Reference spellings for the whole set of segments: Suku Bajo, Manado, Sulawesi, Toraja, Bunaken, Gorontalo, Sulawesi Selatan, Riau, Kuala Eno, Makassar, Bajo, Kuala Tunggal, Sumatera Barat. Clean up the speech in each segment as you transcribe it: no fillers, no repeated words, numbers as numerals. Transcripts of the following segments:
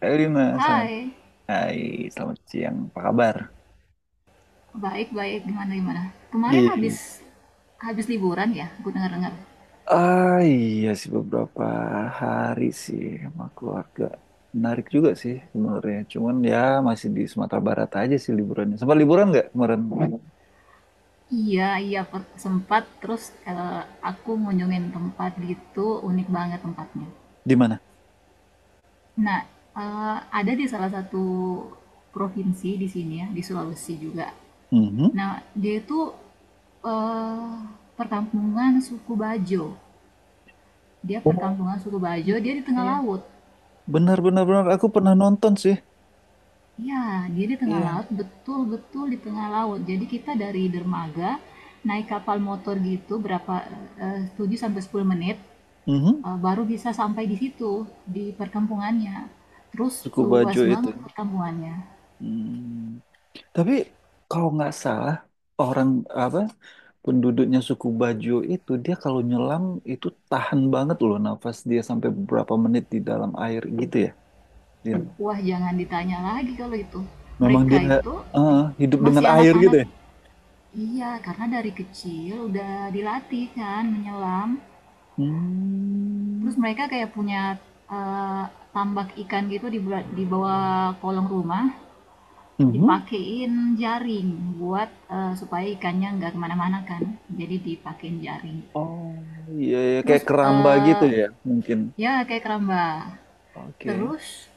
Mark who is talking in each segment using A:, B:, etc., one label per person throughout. A: Halo Mas, selamat
B: Hai,
A: Hai, selamat siang. Apa kabar?
B: baik-baik. Gimana gimana? Kemarin
A: Gini.
B: habis habis liburan ya? Gue dengar-dengar.
A: Ah iya sih beberapa hari sih sama keluarga. Menarik juga sih sebenarnya. Cuman ya masih di Sumatera Barat aja sih liburannya. Sempat liburan nggak kemarin?
B: Iya, iya, sempat terus, aku ngunjungin tempat gitu, unik banget tempatnya.
A: Di mana?
B: Nah, ada di salah satu provinsi di sini ya, di Sulawesi juga.
A: Mhm.
B: Nah, dia itu eh, perkampungan suku Bajo. Dia
A: Oh,
B: perkampungan suku Bajo, dia di tengah laut.
A: benar, benar, benar. Aku pernah nonton sih.
B: Ya, dia di tengah
A: Iya.
B: laut, betul-betul di tengah laut. Jadi kita dari dermaga naik kapal motor gitu berapa, 7 sampai 10 menit,
A: Mhm.
B: baru bisa sampai di situ di perkampungannya. Terus
A: Suku
B: luas
A: Bajo itu.
B: banget perkampungannya.
A: Hmm. Tapi kalau nggak salah orang apa penduduknya suku Bajo itu dia kalau nyelam itu tahan banget loh nafas dia sampai beberapa menit di dalam air gitu ya. Dia,
B: Wah, jangan ditanya lagi kalau itu.
A: memang
B: Mereka
A: dia
B: itu
A: eh, hidup dengan
B: masih
A: air gitu
B: anak-anak.
A: ya.
B: Iya, karena dari kecil udah dilatih kan menyelam.
A: Hmm.
B: Terus mereka kayak punya eh, tambak ikan gitu di bawah kolong rumah,
A: Mhm.
B: dipakein jaring buat, supaya ikannya nggak kemana-mana kan. Jadi dipakein jaring.
A: Oh iya iya,
B: Terus
A: kayak keramba gitu ya mungkin.
B: ya kayak keramba.
A: Oke.
B: Terus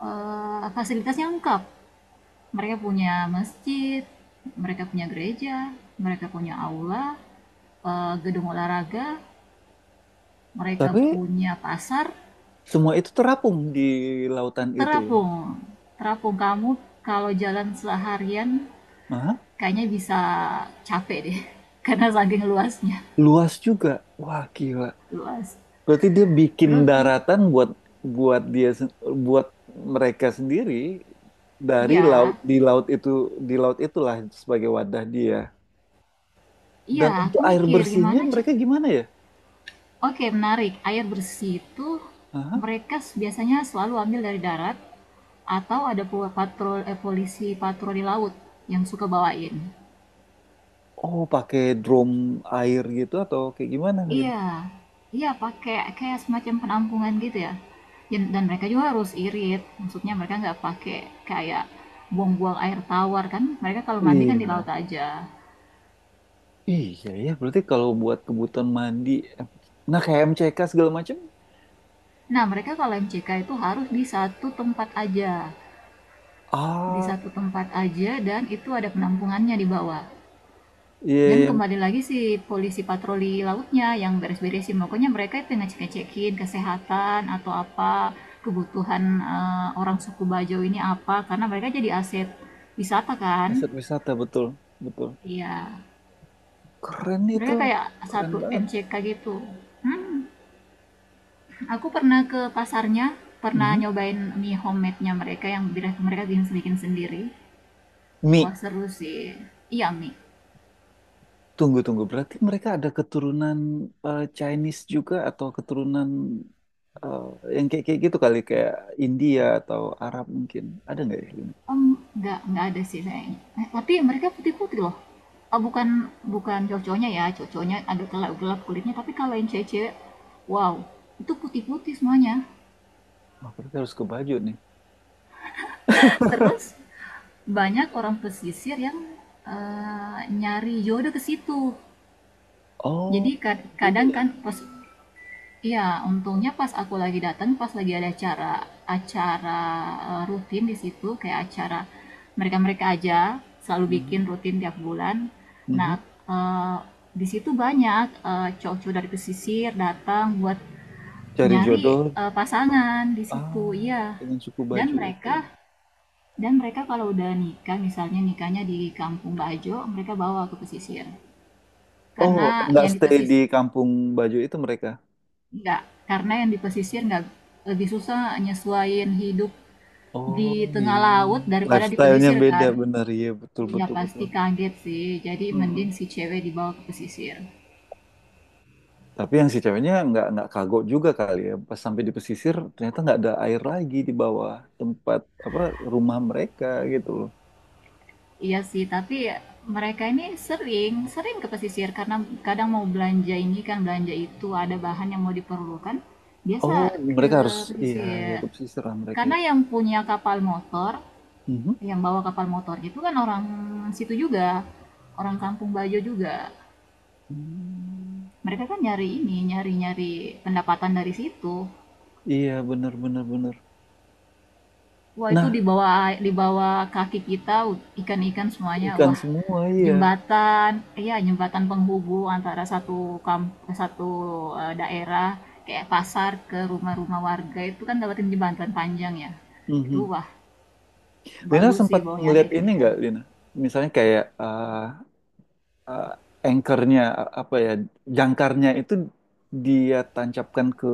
B: fasilitasnya lengkap. Mereka punya masjid, mereka punya gereja, mereka punya aula, gedung olahraga, mereka
A: Tapi
B: punya pasar,
A: semua itu terapung di lautan itu ya.
B: terapung. Terapung, kamu kalau jalan seharian
A: Nah,
B: kayaknya bisa capek deh karena saking luasnya,
A: luas juga. Wah gila.
B: luas
A: Berarti dia bikin
B: terus.
A: daratan buat buat dia sen- buat mereka sendiri dari laut
B: Iya,
A: di laut itu di laut itulah sebagai wadah dia.
B: iya,
A: Dan untuk
B: aku
A: air
B: mikir
A: bersihnya
B: gimana. Cek,
A: mereka gimana ya?
B: oke, menarik. Air bersih itu
A: Aha.
B: mereka biasanya selalu ambil dari darat, atau ada polisi patroli laut yang suka bawain.
A: Oh, pakai drum air gitu atau kayak gimana gitu?
B: Iya. Iya, pakai kayak semacam penampungan gitu ya. Dan mereka juga harus irit, maksudnya mereka nggak pakai kayak buang-buang air tawar kan. Mereka kalau mandi kan di
A: Iya.
B: laut aja.
A: Iya ya, berarti kalau buat kebutuhan mandi, em, nah kayak MCK segala macam.
B: Nah, mereka kalau MCK itu harus di satu tempat aja. Di
A: Ah,
B: satu tempat aja dan itu ada penampungannya di bawah.
A: iya,
B: Dan
A: iya,
B: kembali lagi si polisi patroli lautnya yang beres-beresin. Pokoknya mereka itu ngecek-ngecekin kesehatan atau apa, kebutuhan, orang suku Bajo ini apa, karena mereka jadi aset wisata kan.
A: aset wisata betul, betul.
B: Iya.
A: Keren itu,
B: Mereka kayak
A: keren
B: satu
A: banget.
B: MCK gitu. Hmm. Aku pernah ke pasarnya, pernah
A: Mhm.
B: nyobain mie homemade-nya mereka yang mereka bikin bikin sendiri. Wah,
A: Mie,
B: seru sih. Iya, mie.
A: tunggu, tunggu. Berarti mereka ada keturunan Chinese juga atau keturunan eh, yang kayak kayak gitu kali kayak India atau Arab mungkin. Ada nggak ya, Lina?
B: Nggak nggak ada sih kayaknya. Tapi mereka putih-putih loh. Oh, bukan, bukan cowok-cowoknya ya, cowok-cowoknya agak gelap-gelap kulitnya, tapi kalau yang cewek-cewek, wow, itu putih-putih semuanya.
A: Wah, berarti harus ke baju nih.
B: Terus banyak orang pesisir yang, nyari jodoh ke situ.
A: Oh,
B: Jadi
A: gitu
B: kadang
A: ya.
B: kan. Iya, untungnya pas aku lagi datang, pas lagi ada acara, acara, rutin di situ, kayak acara mereka-mereka aja, selalu bikin
A: Mhm.
B: rutin tiap bulan. Nah,
A: Mhm.
B: eee, di situ banyak, cowok-cowok dari pesisir datang buat
A: Cari
B: nyari,
A: jodoh
B: pasangan di
A: ah,
B: situ, iya.
A: dengan suku
B: Dan
A: baju itu.
B: mereka dan mereka kalau udah nikah, misalnya nikahnya di Kampung Bajo, mereka bawa ke pesisir.
A: Oh,
B: Karena
A: nggak
B: yang di
A: stay di
B: pesisir.
A: kampung baju itu mereka.
B: Enggak, karena yang di pesisir nggak, lebih susah nyesuaiin hidup di
A: Oh
B: tengah
A: iya,
B: laut daripada di
A: lifestyle-nya
B: pesisir
A: beda
B: kan.
A: benar ya, betul
B: Iya
A: betul betul.
B: pasti kaget sih, jadi
A: Mhm.
B: mending si cewek dibawa ke pesisir.
A: Tapi yang si ceweknya nggak kagok juga kali ya. Pas sampai di pesisir ternyata nggak ada air lagi di bawah tempat apa rumah mereka gitu loh.
B: Iya sih, tapi mereka ini sering, sering ke pesisir karena kadang mau belanja ini kan, belanja itu, ada bahan yang mau diperlukan, biasa
A: Oh,
B: ke
A: mereka harus iya ya
B: pesisir.
A: ke pesisir lah mereka ya.
B: Karena yang punya kapal motor,
A: Mhm.
B: yang bawa kapal motor itu kan orang situ juga, orang Kampung Bajo juga.
A: Hmm,
B: Mereka kan nyari ini nyari nyari pendapatan dari situ.
A: iya bener bener bener.
B: Wah, itu
A: Nah
B: di bawah kaki kita ikan-ikan semuanya.
A: ikan
B: Wah,
A: semua iya.
B: jembatan, iya jembatan penghubung antara satu, kamp satu daerah, kayak pasar ke rumah-rumah warga itu kan dapatin jembatan panjang ya. Itu
A: Mhm.
B: wah,
A: Lina
B: bagus sih,
A: sempat
B: bawahnya ada
A: ngeliat ini
B: ikan-ikan.
A: nggak, Lina? Misalnya kayak eh, anchornya apa ya jangkarnya itu dia tancapkan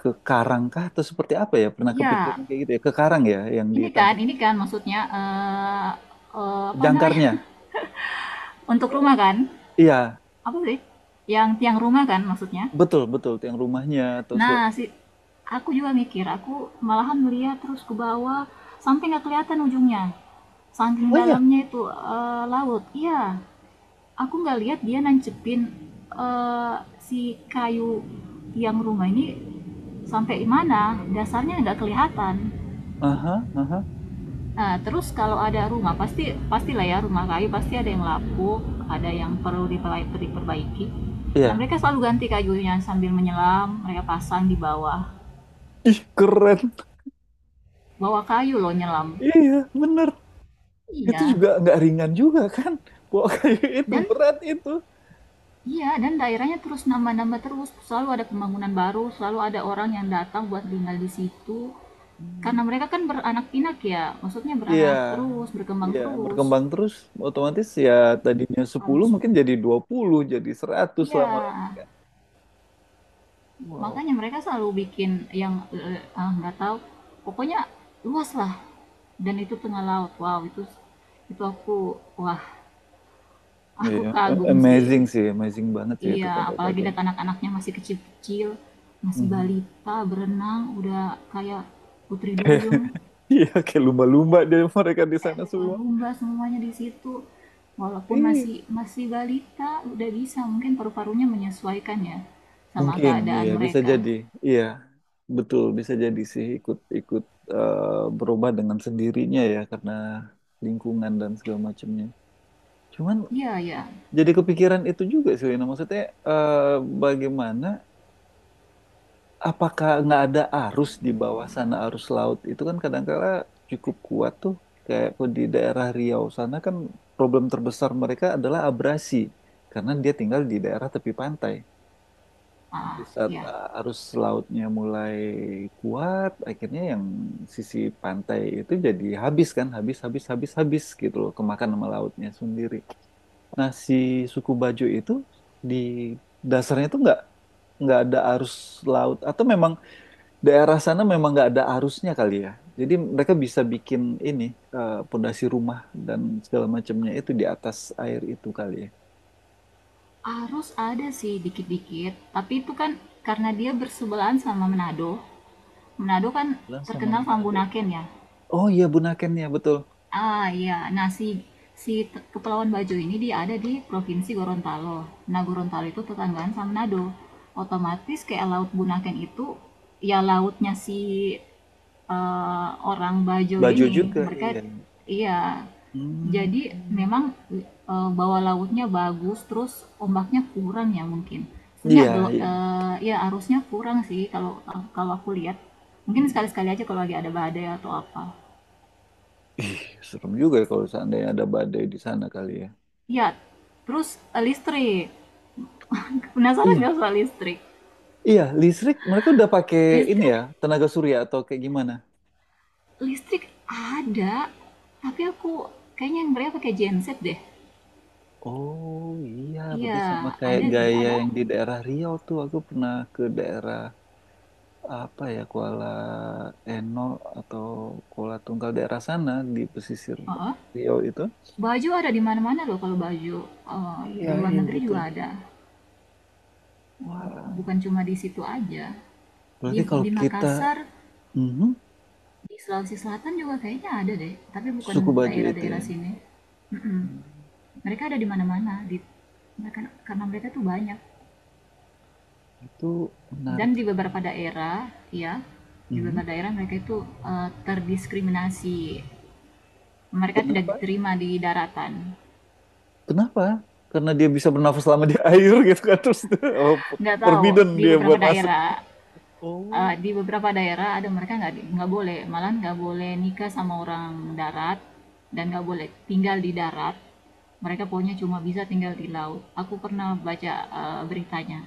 A: ke karang kah atau seperti apa ya? Pernah kepikiran
B: Ya,
A: kayak gitu ya? Ke karang ya yang di
B: ini kan
A: Tancap.
B: ini kan maksudnya, apa namanya.
A: Jangkarnya.
B: Untuk
A: Eh,
B: rumah kan,
A: iya,
B: apa sih, yang tiang rumah kan maksudnya.
A: betul betul yang rumahnya atau segala-
B: Nah, aku juga mikir, aku malahan melihat terus ke bawah sampai nggak kelihatan ujungnya. Saking
A: Oh iya.
B: dalamnya itu, laut. Iya, aku nggak lihat dia nancepin, eh, si kayu tiang rumah ini sampai mana, dasarnya nggak kelihatan.
A: Aha, aha.
B: Nah, terus kalau ada rumah pasti pastilah ya rumah kayu pasti ada yang lapuk, ada yang perlu diperbaiki. Nah,
A: Iya.
B: mereka selalu ganti kayunya sambil menyelam, mereka pasang di bawah,
A: Ih, keren.
B: bawa kayu loh nyelam.
A: Iya, bener. Itu
B: Iya.
A: juga nggak ringan juga kan? Bawa kayu itu
B: Dan,
A: berat itu.
B: iya, dan daerahnya terus nambah-nambah terus. Selalu ada pembangunan baru, selalu ada orang yang datang buat tinggal di situ.
A: Hmm.
B: Karena mereka kan beranak pinak ya, maksudnya
A: Iya.
B: beranak terus, berkembang
A: Iya,
B: terus.
A: berkembang terus otomatis ya tadinya 10
B: Harus,
A: mungkin jadi 20 jadi 100
B: iya.
A: lama-lama kan. Wow.
B: Makanya mereka selalu bikin yang, nggak tahu. Pokoknya luas lah. Dan itu tengah laut. Wow, itu aku wah, aku
A: Iya, a-
B: kagum sih.
A: amazing sih, amazing banget sih itu
B: Iya,
A: kalau menurut
B: apalagi
A: aku.
B: lihat anak-anaknya masih kecil-kecil, masih
A: Mhm.
B: balita, berenang, udah kayak putri duyung,
A: Iya, kayak lumba-lumba dari mereka di
B: kayak
A: sana semua.
B: lumba-lumba semuanya di situ. Walaupun
A: Ih,
B: masih masih balita, udah bisa mungkin paru-parunya menyesuaikan ya sama
A: mungkin, iya
B: keadaan
A: bisa
B: mereka.
A: jadi. Iya, betul bisa jadi sih ikut-ikut berubah dengan sendirinya ya karena lingkungan dan segala macamnya. Cuman
B: Iya, ya.
A: jadi kepikiran itu juga sih, Wina. Maksudnya eh, bagaimana apakah nggak ada arus di bawah sana arus laut itu kan kadangkala cukup kuat tuh kayak di daerah Riau sana kan problem terbesar mereka adalah abrasi karena dia tinggal di daerah tepi pantai di
B: Ah,
A: saat
B: ya.
A: arus lautnya mulai kuat akhirnya yang sisi pantai itu jadi habis kan habis habis habis habis gitu loh kemakan sama lautnya sendiri nah si suku Bajo itu di dasarnya tuh nggak ada arus laut atau memang daerah sana memang nggak ada arusnya kali ya. Jadi mereka bisa bikin ini pondasi rumah dan segala macamnya itu di atas air itu kali ya.
B: Harus ada sih dikit-dikit, tapi itu kan karena dia bersebelahan sama Manado. Manado kan
A: Bilang sama
B: terkenal sama
A: Manado.
B: Bunaken ya.
A: Oh iya Bunaken ya betul.
B: Ah iya, nah, si, si te- Kepulauan Bajo ini dia ada di Provinsi Gorontalo. Nah, Gorontalo itu tetanggaan sama Manado. Otomatis kayak Laut Bunaken itu ya lautnya si, orang Bajo
A: Bajo
B: ini.
A: juga
B: Mereka,
A: iya.
B: iya.
A: Hmm.
B: Jadi memang, bawah lautnya bagus, terus ombaknya kurang ya mungkin. Sebenarnya
A: Iya iya.
B: ya arusnya kurang sih, kalau kalau aku lihat. Mungkin
A: Hmm.
B: sekali-sekali aja kalau lagi ada badai atau apa.
A: Ih, serem juga ya kalau seandainya ada badai di sana kali ya.
B: Iya, terus, listrik. Penasaran
A: Iya.
B: nggak soal listrik?
A: Iya, listrik mereka udah pakai ini
B: Listrik,
A: ya, tenaga surya atau kayak gimana?
B: listrik ada, tapi aku kayaknya yang mereka pakai genset deh.
A: Oh iya,
B: Iya,
A: berarti sama kayak
B: ada sih,
A: gaya
B: ada.
A: yang di daerah Riau tuh. Aku pernah ke daerah apa ya Kuala Eno atau Kuala Tunggal daerah sana di pesisir
B: Heeh.
A: Riau itu.
B: Baju ada di mana-mana loh kalau baju. Eh,
A: Iya,
B: di luar
A: iya
B: negeri juga
A: betul.
B: ada.
A: Wah,
B: Bukan cuma di situ aja.
A: berarti
B: Di,
A: kalau
B: di
A: kita
B: Makassar,
A: mhm,
B: di Sulawesi Selatan juga kayaknya ada deh, tapi bukan
A: suku baju itu
B: daerah-daerah
A: ya.
B: sini. Mm-mm.
A: Hmm,
B: Mereka ada di mana-mana, karena mereka tuh banyak.
A: itu menarik
B: Dan di
A: sekali.
B: beberapa daerah, ya, di
A: Mhm.
B: beberapa daerah mereka itu, terdiskriminasi, mereka tidak
A: Kenapa?
B: diterima di daratan.
A: Kenapa? Karena dia bisa bernafas lama di air gitu kan terus apa,
B: Nggak tahu,
A: forbidden
B: di
A: dia
B: beberapa
A: buat masuk.
B: daerah,
A: Oh,
B: di beberapa daerah ada, mereka nggak boleh, malah nggak boleh nikah sama orang darat, dan nggak boleh tinggal di darat. Mereka pokoknya cuma bisa tinggal di laut. Aku pernah baca, beritanya.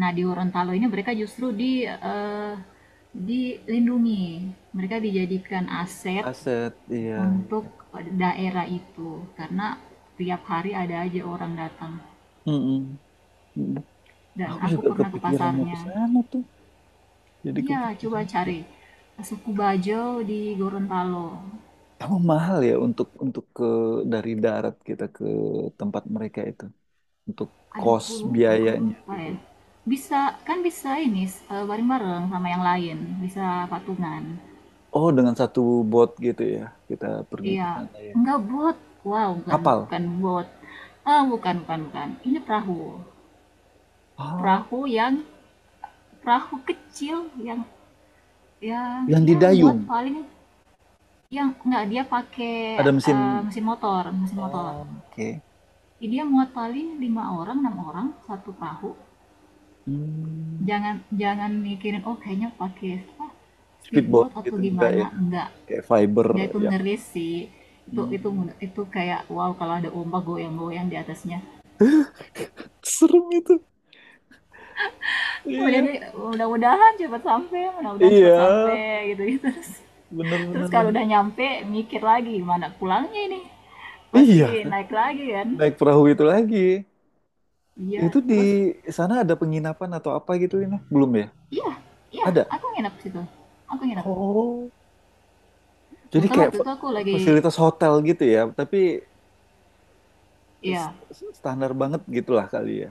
B: Nah, di Gorontalo ini mereka justru dilindungi. Mereka dijadikan aset
A: aset. Iya, iya.
B: untuk daerah itu karena tiap hari ada aja orang datang.
A: Mm, mm-mm, mm.
B: Dan
A: Aku
B: aku
A: juga
B: pernah ke
A: kepikiran mau ke
B: pasarnya.
A: sana tuh. Jadi
B: Iya, coba
A: kepikiran juga.
B: cari suku Bajo di Gorontalo.
A: Emang mahal ya untuk ke dari darat kita ke tempat mereka itu untuk
B: Aduh,
A: kos
B: aku
A: biayanya
B: lupa
A: gitu.
B: ya. Bisa, kan bisa ini, bareng-bareng sama yang lain, bisa patungan.
A: Oh, dengan satu bot gitu ya kita pergi ke
B: Iya.
A: sana ya.
B: Enggak, bot. Wow, bukan,
A: Kapal.
B: bukan bot. Ah, bukan, bukan, bukan. Ini perahu.
A: Oh,
B: Perahu yang perahu kecil, yang
A: yang
B: ya muat
A: didayung
B: paling. Enggak, dia pakai,
A: ada mesin.
B: mesin motor, mesin motor.
A: Oh, oke.
B: Jadi dia muat paling lima orang, enam orang satu perahu.
A: Hmm,
B: Jangan, jangan mikirin, oh kayaknya pakai apa,
A: speedboat
B: speedboat atau
A: gitu enggak ya?
B: gimana. Enggak.
A: Kayak fiber
B: Enggak, itu
A: yang
B: ngeri sih. Itu itu
A: hmm,
B: itu kayak wow, kalau ada ombak goyang-goyang di atasnya,
A: serem itu.
B: udah
A: Iya,
B: mudah-mudahan cepat sampai mudah-mudahan cepat
A: iya,
B: sampai gitu gitu terus
A: bener
B: terus.
A: bener
B: Kalau udah
A: bener.
B: nyampe mikir lagi mana pulangnya ini,
A: Iya,
B: pasti
A: kan?
B: naik lagi kan,
A: Naik perahu itu lagi.
B: iya
A: Itu di
B: terus,
A: sana ada penginapan atau apa gitu ini? Belum ya?
B: iya, iya,
A: Ada.
B: aku nginep situ, aku nginep,
A: Oh, jadi
B: kebetulan
A: kayak
B: waktu itu
A: fa-
B: aku lagi,
A: fasilitas hotel gitu ya, tapi s-
B: iya,
A: standar banget gitulah kali ya.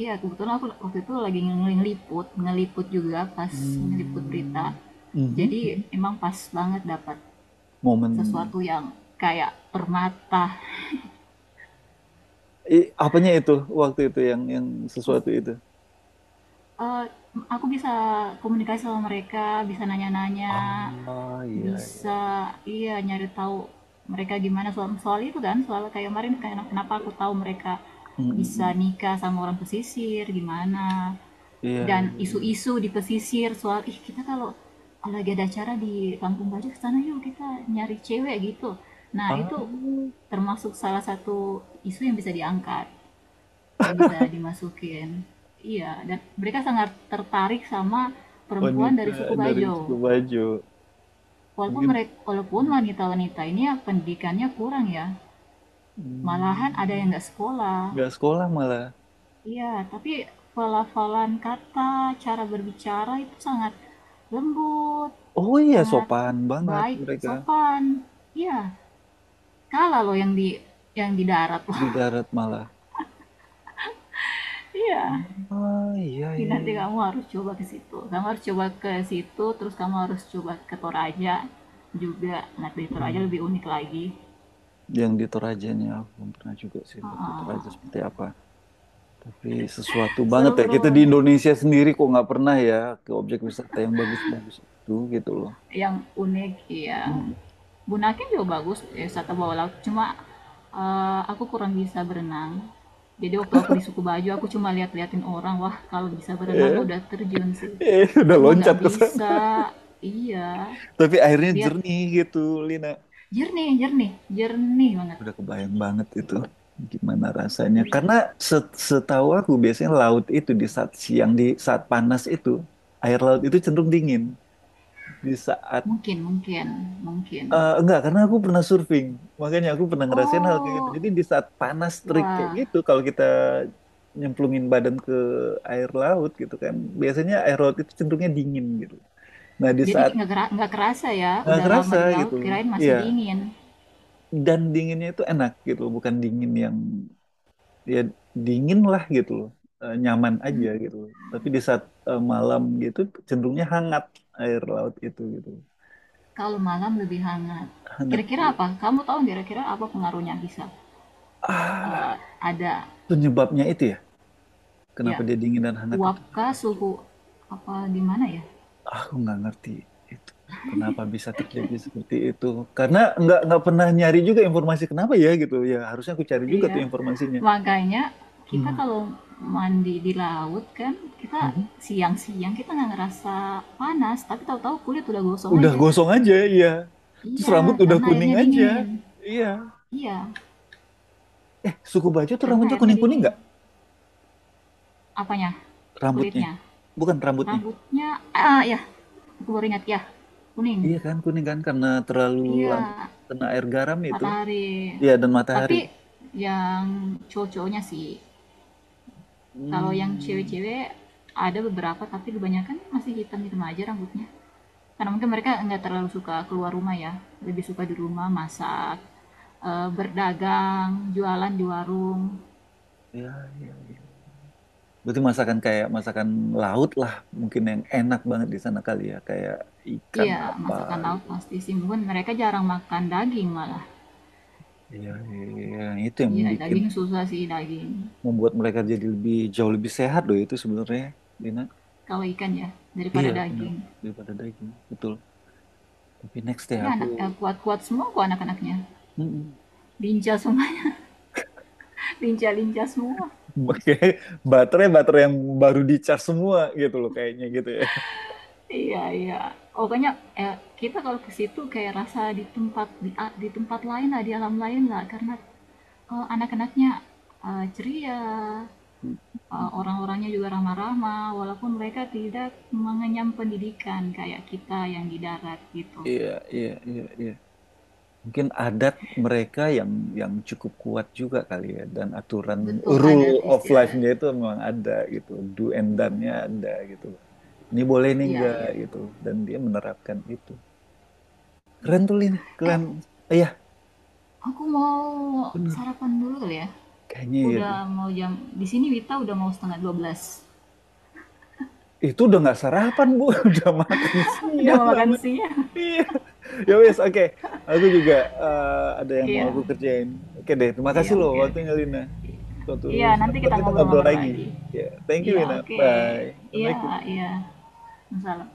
B: iya, kebetulan aku waktu itu lagi ngeliput, ngeliput juga, pas ngeliput berita.
A: Hmm.
B: Jadi
A: Mhm.
B: emang pas banget dapat
A: Momen nih.
B: sesuatu yang kayak permata.
A: I- apanya itu waktu itu yang sesuatu itu?
B: Eee, aku bisa komunikasi sama mereka, bisa nanya-nanya,
A: Ah, iya iya.
B: bisa, iya, nyari tahu mereka gimana soal, soal itu kan, soal kayak kemarin, kayak kenapa aku tahu mereka
A: Mm, mm,
B: bisa
A: mm.
B: nikah sama orang pesisir, gimana,
A: Iya
B: dan
A: iya iya.
B: isu-isu di pesisir soal, "Ih, kita kalau lagi ada acara di Kampung Baja ke sana yuk, kita nyari cewek," gitu. Nah,
A: Ah,
B: itu termasuk salah satu isu yang bisa diangkat, yang bisa dimasukin. Iya, dan mereka sangat tertarik sama perempuan
A: wanita
B: dari suku
A: dari Suku
B: Bajo.
A: Bajo.
B: Walaupun
A: Mungkin
B: mereka, walaupun
A: mm,
B: wanita-wanita ini ya pendidikannya kurang ya, malahan ada yang
A: mm.
B: nggak sekolah.
A: Nggak sekolah malah.
B: Iya, tapi pelafalan kata, cara berbicara itu sangat lembut,
A: Oh iya,
B: sangat
A: sopan banget
B: baik,
A: mereka
B: sopan. Iya, kalah loh yang di darat loh.
A: di darat malah.
B: Iya.
A: Ah iya
B: Jadi
A: iya,
B: nanti
A: iya.
B: kamu harus coba ke situ. Kamu harus coba ke situ, terus kamu harus coba ke Toraja juga. Nah, di Toraja
A: Hmm.
B: lebih unik lagi.
A: Yang di Torajanya aku belum pernah juga sih lihat di Toraja
B: Ah,
A: seperti apa. Tapi sesuatu banget ya
B: seru-seru,
A: kita di
B: pokoknya.
A: Indonesia sendiri kok nggak pernah ya ke objek wisata yang bagus-bagus itu gitu loh.
B: Yang unik, ya.
A: Hmm.
B: Bunaken juga bagus, ya, wisata bawah laut. Cuma, aku kurang bisa berenang. Jadi waktu aku di suku baju, aku cuma lihat-liatin orang. Wah, kalau bisa berenang, aku
A: Eh,
B: udah terjun sih.
A: eh, udah
B: Cuma
A: loncat
B: nggak
A: ke sana.
B: bisa. Iya.
A: Tapi airnya
B: Lihat,
A: jernih gitu, Lina.
B: jernih, jernih. Jernih banget.
A: Udah kebayang banget itu gimana rasanya.
B: Iya.
A: Karena set- setahu aku biasanya laut itu di saat siang, di saat panas itu, air laut itu cenderung dingin. Di saat,
B: Mungkin, mungkin, mungkin.
A: enggak, karena aku pernah surfing. Makanya aku pernah ngerasain hal kayak gitu.
B: Oh,
A: Jadi di saat panas terik kayak
B: wah.
A: gitu, kalau kita nyemplungin badan ke air laut gitu kan, biasanya air laut itu cenderungnya dingin gitu. Nah di
B: Jadi
A: saat
B: nggak kerasa ya,
A: nggak
B: udah lama
A: kerasa
B: di
A: gitu,
B: laut, kirain masih
A: iya.
B: dingin.
A: Dan dinginnya itu enak gitu, bukan dingin yang ya dingin lah gitu loh. Eh, nyaman aja gitu loh. Tapi di saat malam gitu cenderungnya hangat air laut itu gitu
B: Kalau malam lebih hangat.
A: hangat
B: Kira-kira
A: dia
B: apa? Kamu tahu kira-kira apa pengaruhnya bisa?
A: ah
B: Eh, ada
A: penyebabnya itu ya
B: ya,
A: kenapa dia dingin dan hangat itu nggak
B: uapkah
A: tahu cuy.
B: suhu apa gimana ya?
A: Aku nggak ngerti itu kenapa bisa terjadi seperti itu karena nggak pernah nyari juga informasi kenapa ya gitu ya harusnya aku cari juga
B: Iya.
A: tuh informasinya.
B: Makanya kita
A: Mhm.
B: kalau mandi di laut kan kita
A: Mhm.
B: siang-siang kita nggak ngerasa panas, tapi tahu-tahu kulit udah gosong
A: Udah
B: aja.
A: gosong aja iya terus
B: Iya,
A: rambut udah
B: karena
A: kuning
B: airnya
A: aja
B: dingin.
A: iya
B: Iya,
A: eh suku baju tuh
B: karena
A: rambutnya
B: airnya
A: kuning
B: di
A: kuning
B: apanya?
A: rambutnya
B: Kulitnya.
A: bukan rambutnya
B: Rambutnya, ah ya. Aku baru ingat ya. Kuning.
A: iya kan kuning kan karena terlalu lama
B: Iya,
A: kena air garam itu
B: matahari.
A: iya dan matahari
B: Tapi yang cowok-cowoknya sih. Kalau yang
A: hmm
B: cewek-cewek ada beberapa, tapi kebanyakan masih hitam-hitam aja rambutnya. Karena mungkin mereka nggak terlalu suka keluar rumah ya. Lebih suka di rumah masak, berdagang, jualan di warung.
A: ya ya ya berarti masakan kayak masakan laut lah mungkin yang enak banget di sana kali ya kayak ikan
B: Iya,
A: apa
B: masakan laut
A: gitu
B: pasti sih. Mungkin mereka jarang makan daging malah.
A: iya iya iya. Itu yang
B: Iya,
A: bikin
B: daging susah sih daging.
A: membuat mereka jadi lebih jauh lebih sehat loh itu sebenarnya Dina
B: Kalau ikan ya,
A: iya
B: daripada
A: benar
B: daging.
A: daripada daging betul tapi next deh
B: Iya,
A: aku.
B: anak, kuat-kuat semua kok anak-anaknya.
A: Mm-mm.
B: Lincah semuanya, lincah-lincah semua.
A: Kayak baterai baterai yang baru di charge semua gitu loh kayaknya gitu ya.
B: Iya, iya. Pokoknya, kita kalau ke situ kayak rasa di tempat lain lah, di alam lain lah. Karena, anak-anaknya, ceria, orang-orangnya juga ramah-ramah. Walaupun mereka tidak mengenyam pendidikan kayak kita yang di darat gitu.
A: Iya, iya, iya, iya. Mungkin adat mereka yang cukup kuat juga kali ya dan aturan
B: Betul,
A: Rule
B: adat
A: of
B: istiadat.
A: life-nya itu memang ada gitu. Do and done-nya ada gitu. Ini boleh ini
B: Iya,
A: enggak
B: iya.
A: gitu. Dan dia menerapkan itu. Keren tuh Lina,
B: Eh,
A: keren. Iya,
B: Aku mau
A: bener.
B: sarapan dulu kali ya.
A: Kayaknya iya deh.
B: Udah mau jam di sini WITA, udah mau setengah dua belas.
A: Itu udah nggak sarapan, Bu. Udah makan
B: Udah
A: siang
B: mau makan
A: namanya.
B: siang.
A: Iya. Ya wes, oke. Aku juga eh, ada yang mau aku
B: Iya.
A: kerjain. Oke deh, terima kasih
B: Iya,
A: loh
B: oke, oke.
A: waktunya Lina. Suatu
B: Iya,
A: saat
B: nanti
A: ntar
B: kita
A: kita ngobrol
B: ngobrol-ngobrol
A: lagi.
B: lagi.
A: Ya, thank you
B: Iya,
A: Lina.
B: oke.
A: Bye.
B: Iya,
A: Assalamualaikum.
B: iya. Masalah.